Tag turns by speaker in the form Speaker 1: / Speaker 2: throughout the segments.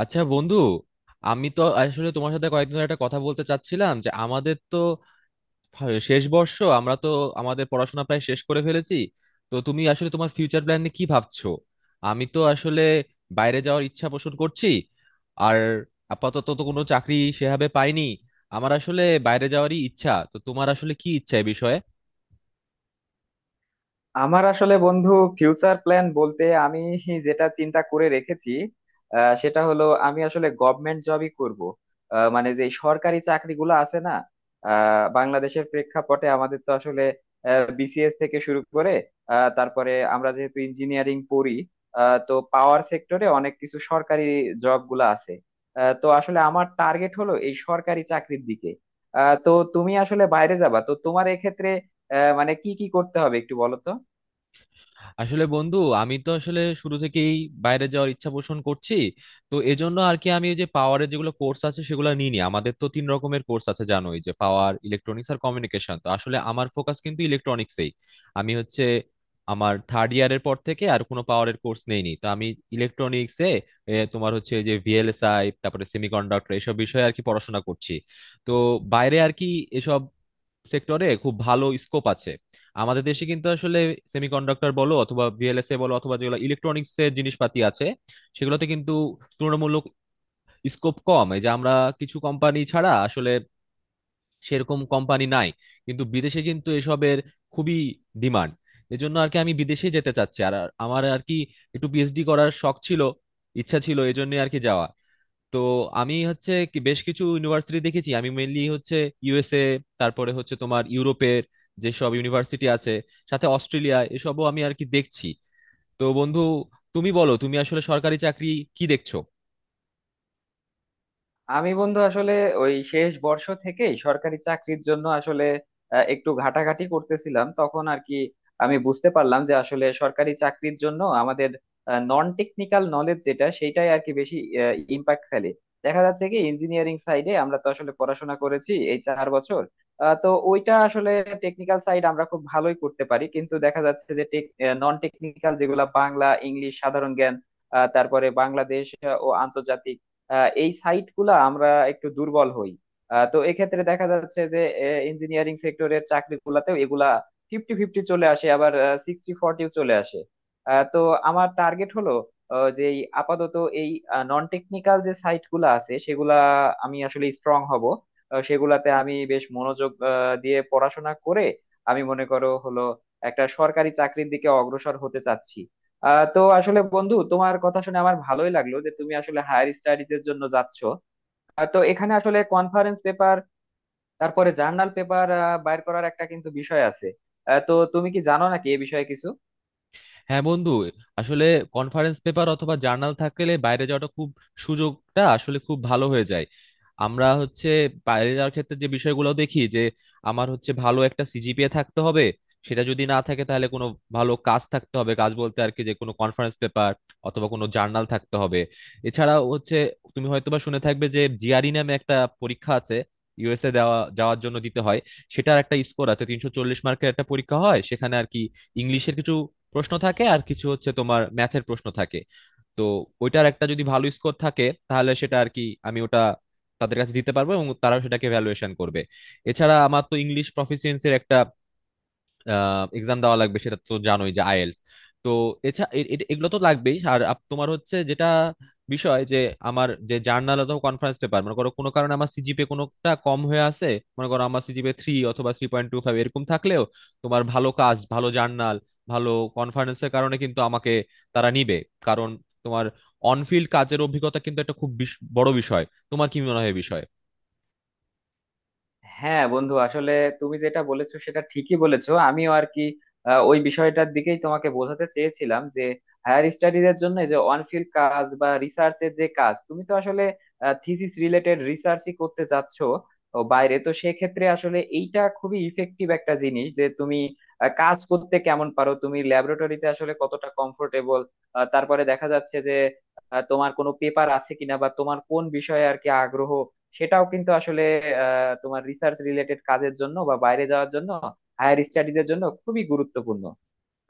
Speaker 1: আচ্ছা বন্ধু, আমি তো আসলে তোমার সাথে কয়েকদিন ধরে একটা কথা বলতে চাচ্ছিলাম যে আমাদের তো শেষ বর্ষ, আমরা তো আমাদের পড়াশোনা প্রায় শেষ করে ফেলেছি। তো তুমি আসলে তোমার ফিউচার প্ল্যান নিয়ে কি ভাবছো? আমি তো আসলে বাইরে যাওয়ার ইচ্ছা পোষণ করছি। আর আপাতত তো কোনো চাকরি সেভাবে পাইনি। আমার আসলে বাইরে যাওয়ারই ইচ্ছা। তো তোমার আসলে কি ইচ্ছা এ বিষয়ে?
Speaker 2: আমার আসলে বন্ধু ফিউচার প্ল্যান বলতে আমি যেটা চিন্তা করে রেখেছি। সেটা হলো আমি আসলে গভর্নমেন্ট জবই করব। মানে যে সরকারি চাকরিগুলো আছে না। বাংলাদেশের প্রেক্ষাপটে আমাদের তো আসলে বিসিএস থেকে শুরু করে, তারপরে আমরা যেহেতু ইঞ্জিনিয়ারিং পড়ি, তো পাওয়ার সেক্টরে অনেক কিছু সরকারি জব গুলো আছে। তো আসলে আমার টার্গেট হলো এই সরকারি চাকরির দিকে। তো তুমি আসলে বাইরে যাবা, তো তোমার এক্ষেত্রে মানে কি কি করতে হবে একটু বলো তো।
Speaker 1: আসলে বন্ধু, আমি তো আসলে শুরু থেকেই বাইরে যাওয়ার ইচ্ছা পোষণ করছি। তো এজন্য আর কি আমি ওই যে পাওয়ারের যেগুলো কোর্স আছে সেগুলো নিই নি। আমাদের তো তিন রকমের কোর্স আছে জানোই, যে পাওয়ার, ইলেকট্রনিক্স আর কমিউনিকেশন। তো আসলে আমার ফোকাস কিন্তু ইলেকট্রনিক্সেই। আমি হচ্ছে আমার থার্ড ইয়ারের পর থেকে আর কোনো পাওয়ারের কোর্স নেইনি। তো আমি ইলেকট্রনিক্সে, তোমার হচ্ছে যে ভিএলএসআই, তারপরে সেমিকন্ডাক্টর, এসব বিষয়ে আর কি পড়াশোনা করছি। তো বাইরে আর কি এসব সেক্টরে খুব ভালো স্কোপ আছে। আমাদের দেশে কিন্তু আসলে সেমিকন্ডাক্টর বলো অথবা ভিএলএসএ বলো অথবা যেগুলো ইলেকট্রনিক্স এর জিনিসপাতি আছে সেগুলোতে কিন্তু তুলনামূলক স্কোপ কম। এই যে আমরা কিছু কোম্পানি ছাড়া আসলে সেরকম কোম্পানি নাই, কিন্তু বিদেশে কিন্তু এসবের খুবই ডিমান্ড। এজন্য আর কি আমি বিদেশে যেতে চাচ্ছি। আর আর আমার আর কি একটু পিএইচডি করার শখ ছিল, ইচ্ছা ছিল, এজন্য আর কি যাওয়া। তো আমি হচ্ছে কি বেশ কিছু ইউনিভার্সিটি দেখেছি। আমি মেইনলি হচ্ছে ইউএসএ, তারপরে হচ্ছে তোমার ইউরোপের যেসব ইউনিভার্সিটি আছে, সাথে অস্ট্রেলিয়া এসবও আমি আর কি দেখছি। তো বন্ধু, তুমি বলো তুমি আসলে সরকারি চাকরি কি দেখছো?
Speaker 2: আমি বন্ধু আসলে ওই শেষ বর্ষ থেকেই সরকারি চাকরির জন্য আসলে একটু ঘাটাঘাটি করতেছিলাম তখন আর কি। আমি বুঝতে পারলাম যে আসলে সরকারি চাকরির জন্য আমাদের নন টেকনিক্যাল নলেজ যেটা, সেটাই আর কি বেশি ইম্প্যাক্ট ফেলে। দেখা যাচ্ছে কি, ইঞ্জিনিয়ারিং সাইডে আমরা তো আসলে পড়াশোনা করেছি এই চার বছর। তো ওইটা আসলে টেকনিক্যাল সাইড, আমরা খুব ভালোই করতে পারি, কিন্তু দেখা যাচ্ছে যে নন টেকনিক্যাল যেগুলা বাংলা ইংলিশ সাধারণ জ্ঞান, তারপরে বাংলাদেশ ও আন্তর্জাতিক, এই সাইট গুলা আমরা একটু দুর্বল হই। তো এক্ষেত্রে দেখা যাচ্ছে যে ইঞ্জিনিয়ারিং সেক্টরের চাকরি গুলাতেও এগুলা ফিফটি ফিফটি চলে আসে, আবার সিক্সটি ফর্টিও চলে আসে। তো আমার টার্গেট হলো যে এই আপাতত এই নন টেকনিক্যাল যে সাইট গুলা আছে সেগুলা আমি আসলে স্ট্রং হব। সেগুলাতে আমি বেশ মনোযোগ দিয়ে পড়াশোনা করে আমি মনে করো হলো একটা সরকারি চাকরির দিকে অগ্রসর হতে চাচ্ছি। আহ তো আসলে বন্ধু, তোমার কথা শুনে আমার ভালোই লাগলো যে তুমি আসলে হায়ার স্টাডিজ এর জন্য যাচ্ছ। আহ তো এখানে আসলে কনফারেন্স পেপার, তারপরে জার্নাল পেপার বাইর করার একটা কিন্তু বিষয় আছে। আহ তো তুমি কি জানো নাকি এ বিষয়ে কিছু?
Speaker 1: হ্যাঁ বন্ধু, আসলে কনফারেন্স পেপার অথবা জার্নাল থাকলে বাইরে যাওয়াটা খুব, সুযোগটা আসলে খুব ভালো হয়ে যায়। আমরা হচ্ছে বাইরে যাওয়ার ক্ষেত্রে যে বিষয়গুলো দেখি যে আমার হচ্ছে ভালো একটা সিজিপিএ থাকতে হবে। সেটা যদি না থাকে তাহলে কোনো ভালো কাজ থাকতে হবে। কাজ বলতে আর কি যে কোনো কনফারেন্স পেপার অথবা কোনো জার্নাল থাকতে হবে। এছাড়াও হচ্ছে তুমি হয়তোবা শুনে থাকবে যে জিআরই নামে একটা পরীক্ষা আছে, ইউএসএ দেওয়া যাওয়ার জন্য দিতে হয়। সেটার একটা স্কোর আছে, 340 মার্কের একটা পরীক্ষা হয়, সেখানে আর কি ইংলিশের কিছু প্রশ্ন থাকে আর কিছু হচ্ছে তোমার ম্যাথের প্রশ্ন থাকে। তো ওইটার একটা যদি ভালো স্কোর থাকে তাহলে সেটা আর কি আমি ওটা তাদের কাছে দিতে পারবো এবং তারাও সেটাকে ভ্যালুয়েশন করবে। এছাড়া আমার তো ইংলিশ প্রফিসিয়েন্সির একটা এক্সাম দেওয়া লাগবে, সেটা তো জানোই, যে আইএলস। তো এছাড়া এগুলো তো লাগবেই। আর তোমার হচ্ছে যেটা বিষয় যে আমার যে জার্নাল অথবা কনফারেন্স পেপার, মনে করো কোনো কারণে আমার সিজিপিএ কোনোটা কম হয়ে আছে, মনে করো আমার সিজিপিএ 3 অথবা 3.25 এরকম থাকলেও তোমার ভালো কাজ, ভালো জার্নাল, ভালো কনফারেন্সের কারণে কিন্তু আমাকে তারা নিবে। কারণ তোমার অনফিল্ড কাজের অভিজ্ঞতা কিন্তু একটা খুব বড় বিষয়। তোমার কি মনে হয় এ বিষয়ে?
Speaker 2: হ্যাঁ বন্ধু আসলে তুমি যেটা বলেছো সেটা ঠিকই বলেছো, আমিও আর কি ওই বিষয়টার দিকেই তোমাকে বোঝাতে চেয়েছিলাম যে হায়ার স্টাডিজ এর জন্য যে অন ফিল্ড কাজ বা রিসার্চ এর যে কাজ, তুমি তো আসলে থিসিস রিলেটেড রিসার্চই করতে যাচ্ছ। ও বাইরে তো সেক্ষেত্রে আসলে এইটা খুবই ইফেক্টিভ একটা জিনিস যে তুমি কাজ করতে কেমন পারো, তুমি ল্যাবরেটরিতে আসলে কতটা কমফোর্টেবল। তারপরে দেখা যাচ্ছে যে তোমার কোনো পেপার আছে কিনা বা তোমার কোন বিষয়ে আর কি আগ্রহ, সেটাও কিন্তু আসলে তোমার রিসার্চ রিলেটেড কাজের জন্য বা বাইরে যাওয়ার জন্য হায়ার স্টাডিজের জন্য খুবই গুরুত্বপূর্ণ।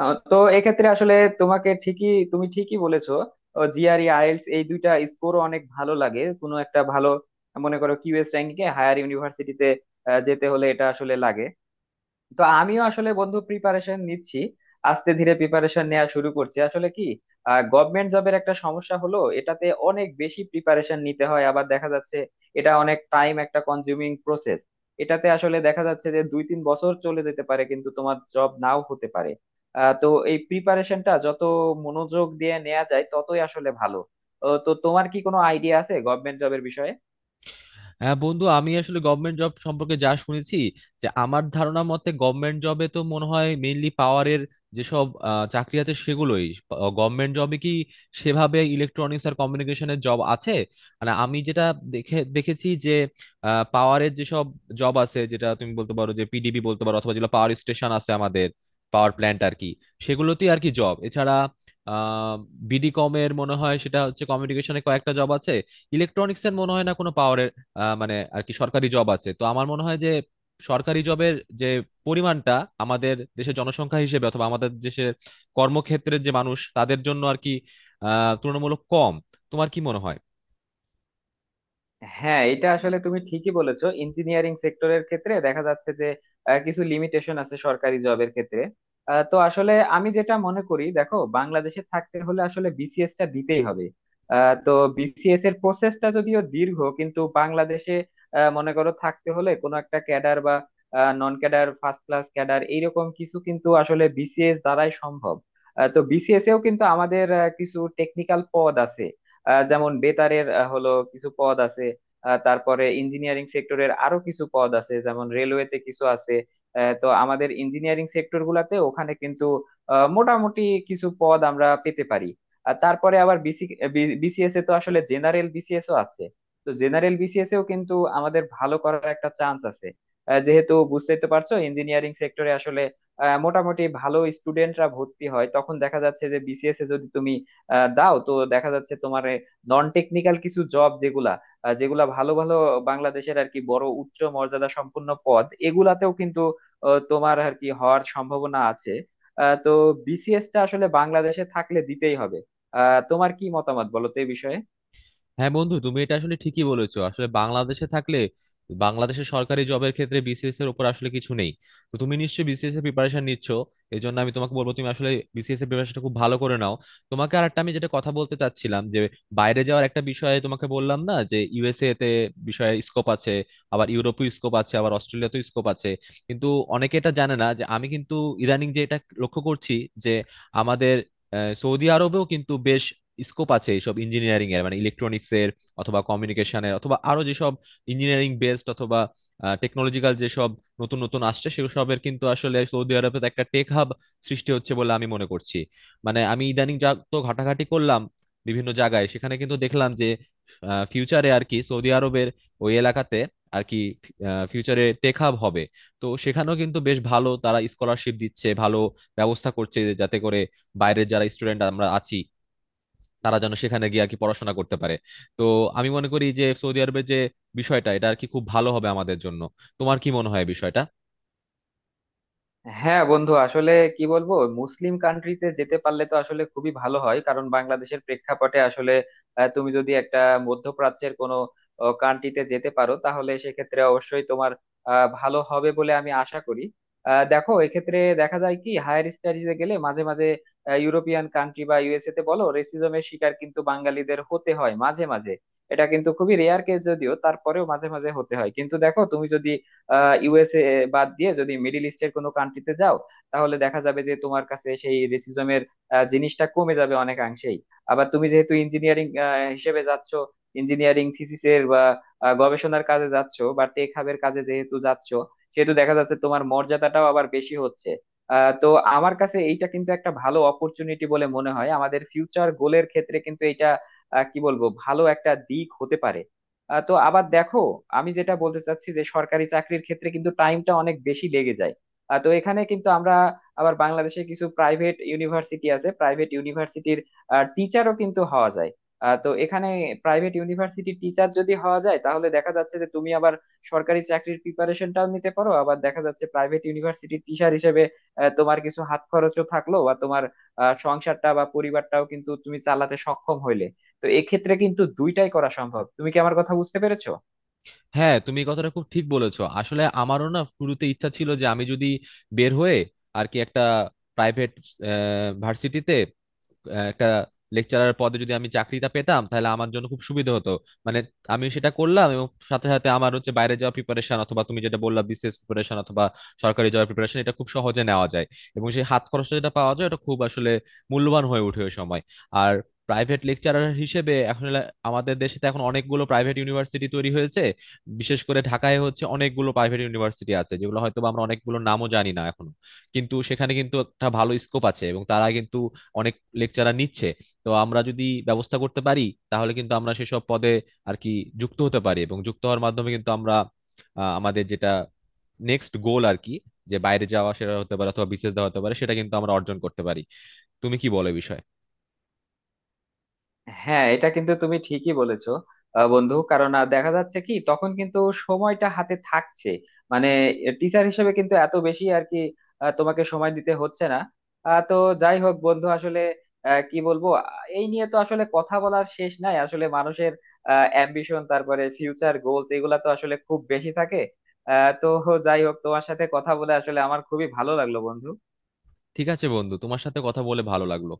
Speaker 2: তো এক্ষেত্রে আসলে তোমাকে ঠিকই তুমি ঠিকই বলেছো। জিআরই আইএলটিএস এই দুইটা স্কোর অনেক ভালো লাগে, কোনো একটা ভালো মনে করো কিউএস র্যাঙ্কিং এ হায়ার ইউনিভার্সিটিতে যেতে হলে এটা আসলে লাগে। তো আমিও আসলে বন্ধু প্রিপারেশন নিচ্ছি, আস্তে ধীরে প্রিপারেশন নেওয়া শুরু করছি। আসলে কি, গভর্নমেন্ট জবের একটা সমস্যা হলো এটাতে অনেক বেশি প্রিপারেশন নিতে হয়, আবার দেখা যাচ্ছে এটা অনেক টাইম একটা কনজিউমিং প্রসেস। এটাতে আসলে দেখা যাচ্ছে যে দুই তিন বছর চলে যেতে পারে, কিন্তু তোমার জব নাও হতে পারে। তো এই প্রিপারেশনটা যত মনোযোগ দিয়ে নেওয়া যায় ততই আসলে ভালো। ও, তো তোমার কি কোনো আইডিয়া আছে গভর্নমেন্ট জবের বিষয়ে?
Speaker 1: হ্যাঁ বন্ধু, আমি আসলে গভর্নমেন্ট জব সম্পর্কে যা শুনেছি, যে আমার ধারণা মতে গভর্নমেন্ট জবে তো মনে হয় মেইনলি পাওয়ারের যেসব চাকরি আছে সেগুলোই। গভর্নমেন্ট জবে কি সেভাবে ইলেকট্রনিক্স আর কমিউনিকেশনের জব আছে? মানে আমি যেটা দেখে দেখেছি যে পাওয়ারের যেসব জব আছে যেটা তুমি বলতে পারো যে পিডিবি বলতে পারো, অথবা যেগুলো পাওয়ার স্টেশন আছে আমাদের, পাওয়ার প্ল্যান্ট আর কি সেগুলোতেই আর কি জব। এছাড়া আহ বিডি কমের মনে হয়, সেটা হচ্ছে কমিউনিকেশনে কয়েকটা জব আছে। ইলেকট্রনিক্স এর মনে হয় না কোনো পাওয়ারের মানে আর কি সরকারি জব আছে। তো আমার মনে হয় যে সরকারি জবের যে পরিমাণটা আমাদের দেশের জনসংখ্যা হিসেবে অথবা আমাদের দেশের কর্মক্ষেত্রের যে মানুষ তাদের জন্য আর কি তুলনামূলক কম। তোমার কি মনে হয়?
Speaker 2: হ্যাঁ, এটা আসলে তুমি ঠিকই বলেছো। ইঞ্জিনিয়ারিং সেক্টরের ক্ষেত্রে দেখা যাচ্ছে যে কিছু লিমিটেশন আছে সরকারি জবের ক্ষেত্রে। তো আসলে আমি যেটা মনে করি, দেখো বাংলাদেশে থাকতে হলে আসলে বিসিএস টা দিতেই হবে। তো বিসিএস এর প্রসেসটা যদিও দীর্ঘ, কিন্তু বাংলাদেশে মনে করো থাকতে হলে কোনো একটা ক্যাডার বা non cadre first class cadre এইরকম কিছু কিন্তু আসলে বিসিএস দ্বারাই সম্ভব। তো বিসিএস এও কিন্তু আমাদের কিছু টেকনিক্যাল পদ আছে। যেমন বেতারের হলো কিছু পদ আছে। তারপরে ইঞ্জিনিয়ারিং সেক্টরের আরো কিছু পদ আছে, যেমন রেলওয়েতে কিছু আছে। তো আমাদের ইঞ্জিনিয়ারিং সেক্টর গুলাতে ওখানে কিন্তু মোটামুটি কিছু পদ আমরা পেতে পারি। আর তারপরে আবার বিসিএস এ তো আসলে জেনারেল বিসিএস ও আছে। তো জেনারেল বিসিএস এও কিন্তু আমাদের ভালো করার একটা চান্স আছে। যেহেতু বুঝতেই তো পারছো ইঞ্জিনিয়ারিং সেক্টরে আসলে মোটামুটি ভালো স্টুডেন্টরা ভর্তি হয়, তখন দেখা যাচ্ছে যে বিসিএস এ যদি তুমি দাও তো দেখা যাচ্ছে তোমার নন টেকনিক্যাল কিছু জব যেগুলা আহ যেগুলা ভালো ভালো বাংলাদেশের আর কি বড় উচ্চ মর্যাদা সম্পন্ন পদ, এগুলাতেও কিন্তু তোমার আর কি হওয়ার সম্ভাবনা আছে। তো বিসিএস টা আসলে বাংলাদেশে থাকলে দিতেই হবে। আহ তোমার কি মতামত বলো তো এই বিষয়ে?
Speaker 1: হ্যাঁ বন্ধু, তুমি এটা আসলে ঠিকই বলেছো। আসলে বাংলাদেশে থাকলে বাংলাদেশের সরকারি জবের ক্ষেত্রে বিসিএস এর উপর আসলে কিছু নেই। তো তুমি নিশ্চয়ই বিসিএস এর প্রিপারেশন নিচ্ছ। এই জন্য আমি তোমাকে বলবো তুমি আসলে বিসিএস এর প্রিপারেশনটা খুব ভালো করে নাও। তোমাকে আর একটা আমি যেটা কথা বলতে চাচ্ছিলাম যে বাইরে যাওয়ার একটা বিষয়ে তোমাকে বললাম না যে ইউএসএ তে বিষয়ে স্কোপ আছে, আবার ইউরোপেও স্কোপ আছে, আবার অস্ট্রেলিয়াতেও স্কোপ আছে, কিন্তু অনেকে এটা জানে না যে আমি কিন্তু ইদানিং যে এটা লক্ষ্য করছি যে আমাদের সৌদি আরবেও কিন্তু বেশ স্কোপ আছে এইসব ইঞ্জিনিয়ারিং এর, মানে ইলেকট্রনিক্স এর অথবা কমিউনিকেশনের অথবা আরো যেসব ইঞ্জিনিয়ারিং বেসড অথবা টেকনোলজিক্যাল যেসব নতুন নতুন আসছে সেসবের। কিন্তু আসলে সৌদি আরবে তো একটা টেক হাব সৃষ্টি হচ্ছে বলে আমি মনে করছি। মানে আমি ইদানিং যা তো ঘাটাঘাটি করলাম বিভিন্ন জায়গায় সেখানে কিন্তু দেখলাম যে ফিউচারে আর কি সৌদি আরবের ওই এলাকাতে আর কি ফিউচারে টেক হাব হবে। তো সেখানেও কিন্তু বেশ ভালো তারা স্কলারশিপ দিচ্ছে, ভালো ব্যবস্থা করছে, যাতে করে বাইরের যারা স্টুডেন্ট আমরা আছি তারা যেন সেখানে গিয়ে আর কি পড়াশোনা করতে পারে। তো আমি মনে করি যে সৌদি আরবের যে বিষয়টা, এটা আর কি খুব ভালো হবে আমাদের জন্য। তোমার কি মনে হয় এই বিষয়টা?
Speaker 2: হ্যাঁ বন্ধু, আসলে কি বলবো, মুসলিম কান্ট্রিতে যেতে পারলে তো আসলে খুবই ভালো হয়, কারণ বাংলাদেশের প্রেক্ষাপটে আসলে তুমি যদি একটা মধ্যপ্রাচ্যের কোনো কান্ট্রিতে যেতে পারো, তাহলে সেক্ষেত্রে অবশ্যই তোমার ভালো হবে বলে আমি আশা করি। দেখো এক্ষেত্রে দেখা যায় কি, হায়ার স্টাডিজে গেলে মাঝে মাঝে ইউরোপিয়ান কান্ট্রি বা ইউএসএ তে বলো, রেসিজমের শিকার কিন্তু বাঙালিদের হতে হয় মাঝে মাঝে। এটা কিন্তু খুবই রেয়ার কেস যদিও, তারপরেও মাঝে মাঝে হতে হয়। কিন্তু দেখো, তুমি যদি ইউএসএ বাদ দিয়ে যদি মিডিল ইস্টের কোনো কান্ট্রিতে যাও, তাহলে দেখা যাবে যে তোমার কাছে সেই রেসিজমের জিনিসটা কমে যাবে অনেকাংশেই। আবার তুমি যেহেতু ইঞ্জিনিয়ারিং হিসেবে যাচ্ছ, ইঞ্জিনিয়ারিং থিসিসের বা গবেষণার কাজে যাচ্ছ বা টেক হাবের কাজে যেহেতু যাচ্ছ, সেহেতু দেখা যাচ্ছে তোমার মর্যাদাটাও আবার বেশি হচ্ছে। তো আমার কাছে এইটা কিন্তু একটা ভালো অপরচুনিটি বলে মনে হয়। আমাদের ফিউচার গোলের ক্ষেত্রে কিন্তু এটা কি বলবো, ভালো একটা দিক হতে পারে। তো আবার দেখো, আমি যেটা বলতে চাচ্ছি যে সরকারি চাকরির ক্ষেত্রে কিন্তু টাইমটা অনেক বেশি লেগে যায়। তো এখানে কিন্তু আমরা আবার বাংলাদেশে কিছু প্রাইভেট ইউনিভার্সিটি আছে, প্রাইভেট ইউনিভার্সিটির টিচারও কিন্তু হওয়া যায়। তো এখানে প্রাইভেট ইউনিভার্সিটির টিচার যদি হওয়া যায়, তাহলে দেখা যাচ্ছে যে তুমি আবার সরকারি চাকরির প্রিপারেশনটাও নিতে পারো। আবার দেখা যাচ্ছে প্রাইভেট ইউনিভার্সিটির টিচার হিসেবে তোমার কিছু হাত খরচও থাকলো, বা তোমার সংসারটা বা পরিবারটাও কিন্তু তুমি চালাতে সক্ষম হইলে। তো এক্ষেত্রে কিন্তু দুইটাই করা সম্ভব। তুমি কি আমার কথা বুঝতে পেরেছো?
Speaker 1: হ্যাঁ তুমি এই কথাটা খুব ঠিক বলেছো। আসলে আমারও না শুরুতে ইচ্ছা ছিল যে আমি যদি বের হয়ে আর কি একটা প্রাইভেট ভার্সিটিতে একটা লেকচারার পদে যদি আমি চাকরিটা পেতাম তাহলে আমার জন্য খুব সুবিধা হতো। মানে আমি সেটা করলাম এবং সাথে সাথে আমার হচ্ছে বাইরে যাওয়া প্রিপারেশন অথবা তুমি যেটা বললা বিসিএস প্রিপারেশন অথবা সরকারি জব প্রিপারেশন, এটা খুব সহজে নেওয়া যায়। এবং সেই হাত খরচটা যেটা পাওয়া যায় এটা খুব আসলে মূল্যবান হয়ে ওঠে ওই সময়। আর প্রাইভেট লেকচারার হিসেবে এখন আমাদের দেশে তো এখন অনেকগুলো প্রাইভেট ইউনিভার্সিটি তৈরি হয়েছে। বিশেষ করে ঢাকায় হচ্ছে অনেকগুলো প্রাইভেট ইউনিভার্সিটি আছে যেগুলো হয়তো বা আমরা অনেকগুলো নামও জানি না এখনো, কিন্তু সেখানে কিন্তু একটা ভালো স্কোপ আছে এবং তারা কিন্তু অনেক লেকচারার নিচ্ছে। তো আমরা যদি ব্যবস্থা করতে পারি তাহলে কিন্তু আমরা সেসব পদে আর কি যুক্ত হতে পারি। এবং যুক্ত হওয়ার মাধ্যমে কিন্তু আমরা আমাদের যেটা নেক্সট গোল আর কি, যে বাইরে যাওয়া সেটা হতে পারে অথবা বিসিএস দেওয়া হতে পারে, সেটা কিন্তু আমরা অর্জন করতে পারি। তুমি কি বলো এ বিষয়ে?
Speaker 2: হ্যাঁ, এটা কিন্তু তুমি ঠিকই বলেছো বন্ধু। কারণ দেখা যাচ্ছে কি, তখন কিন্তু সময়টা হাতে থাকছে। মানে টিচার হিসেবে কিন্তু এত বেশি আর কি তোমাকে সময় দিতে হচ্ছে না। তো যাই হোক বন্ধু, আসলে আহ, কি বলবো আহ, এই নিয়ে তো আসলে কথা বলার শেষ নাই। আসলে মানুষের অ্যাম্বিশন, তারপরে ফিউচার গোলস, এগুলা তো আসলে খুব বেশি থাকে। তো যাই হোক, তোমার সাথে কথা বলে আসলে আমার খুবই ভালো লাগলো বন্ধু।
Speaker 1: ঠিক আছে বন্ধু, তোমার সাথে কথা বলে ভালো লাগলো।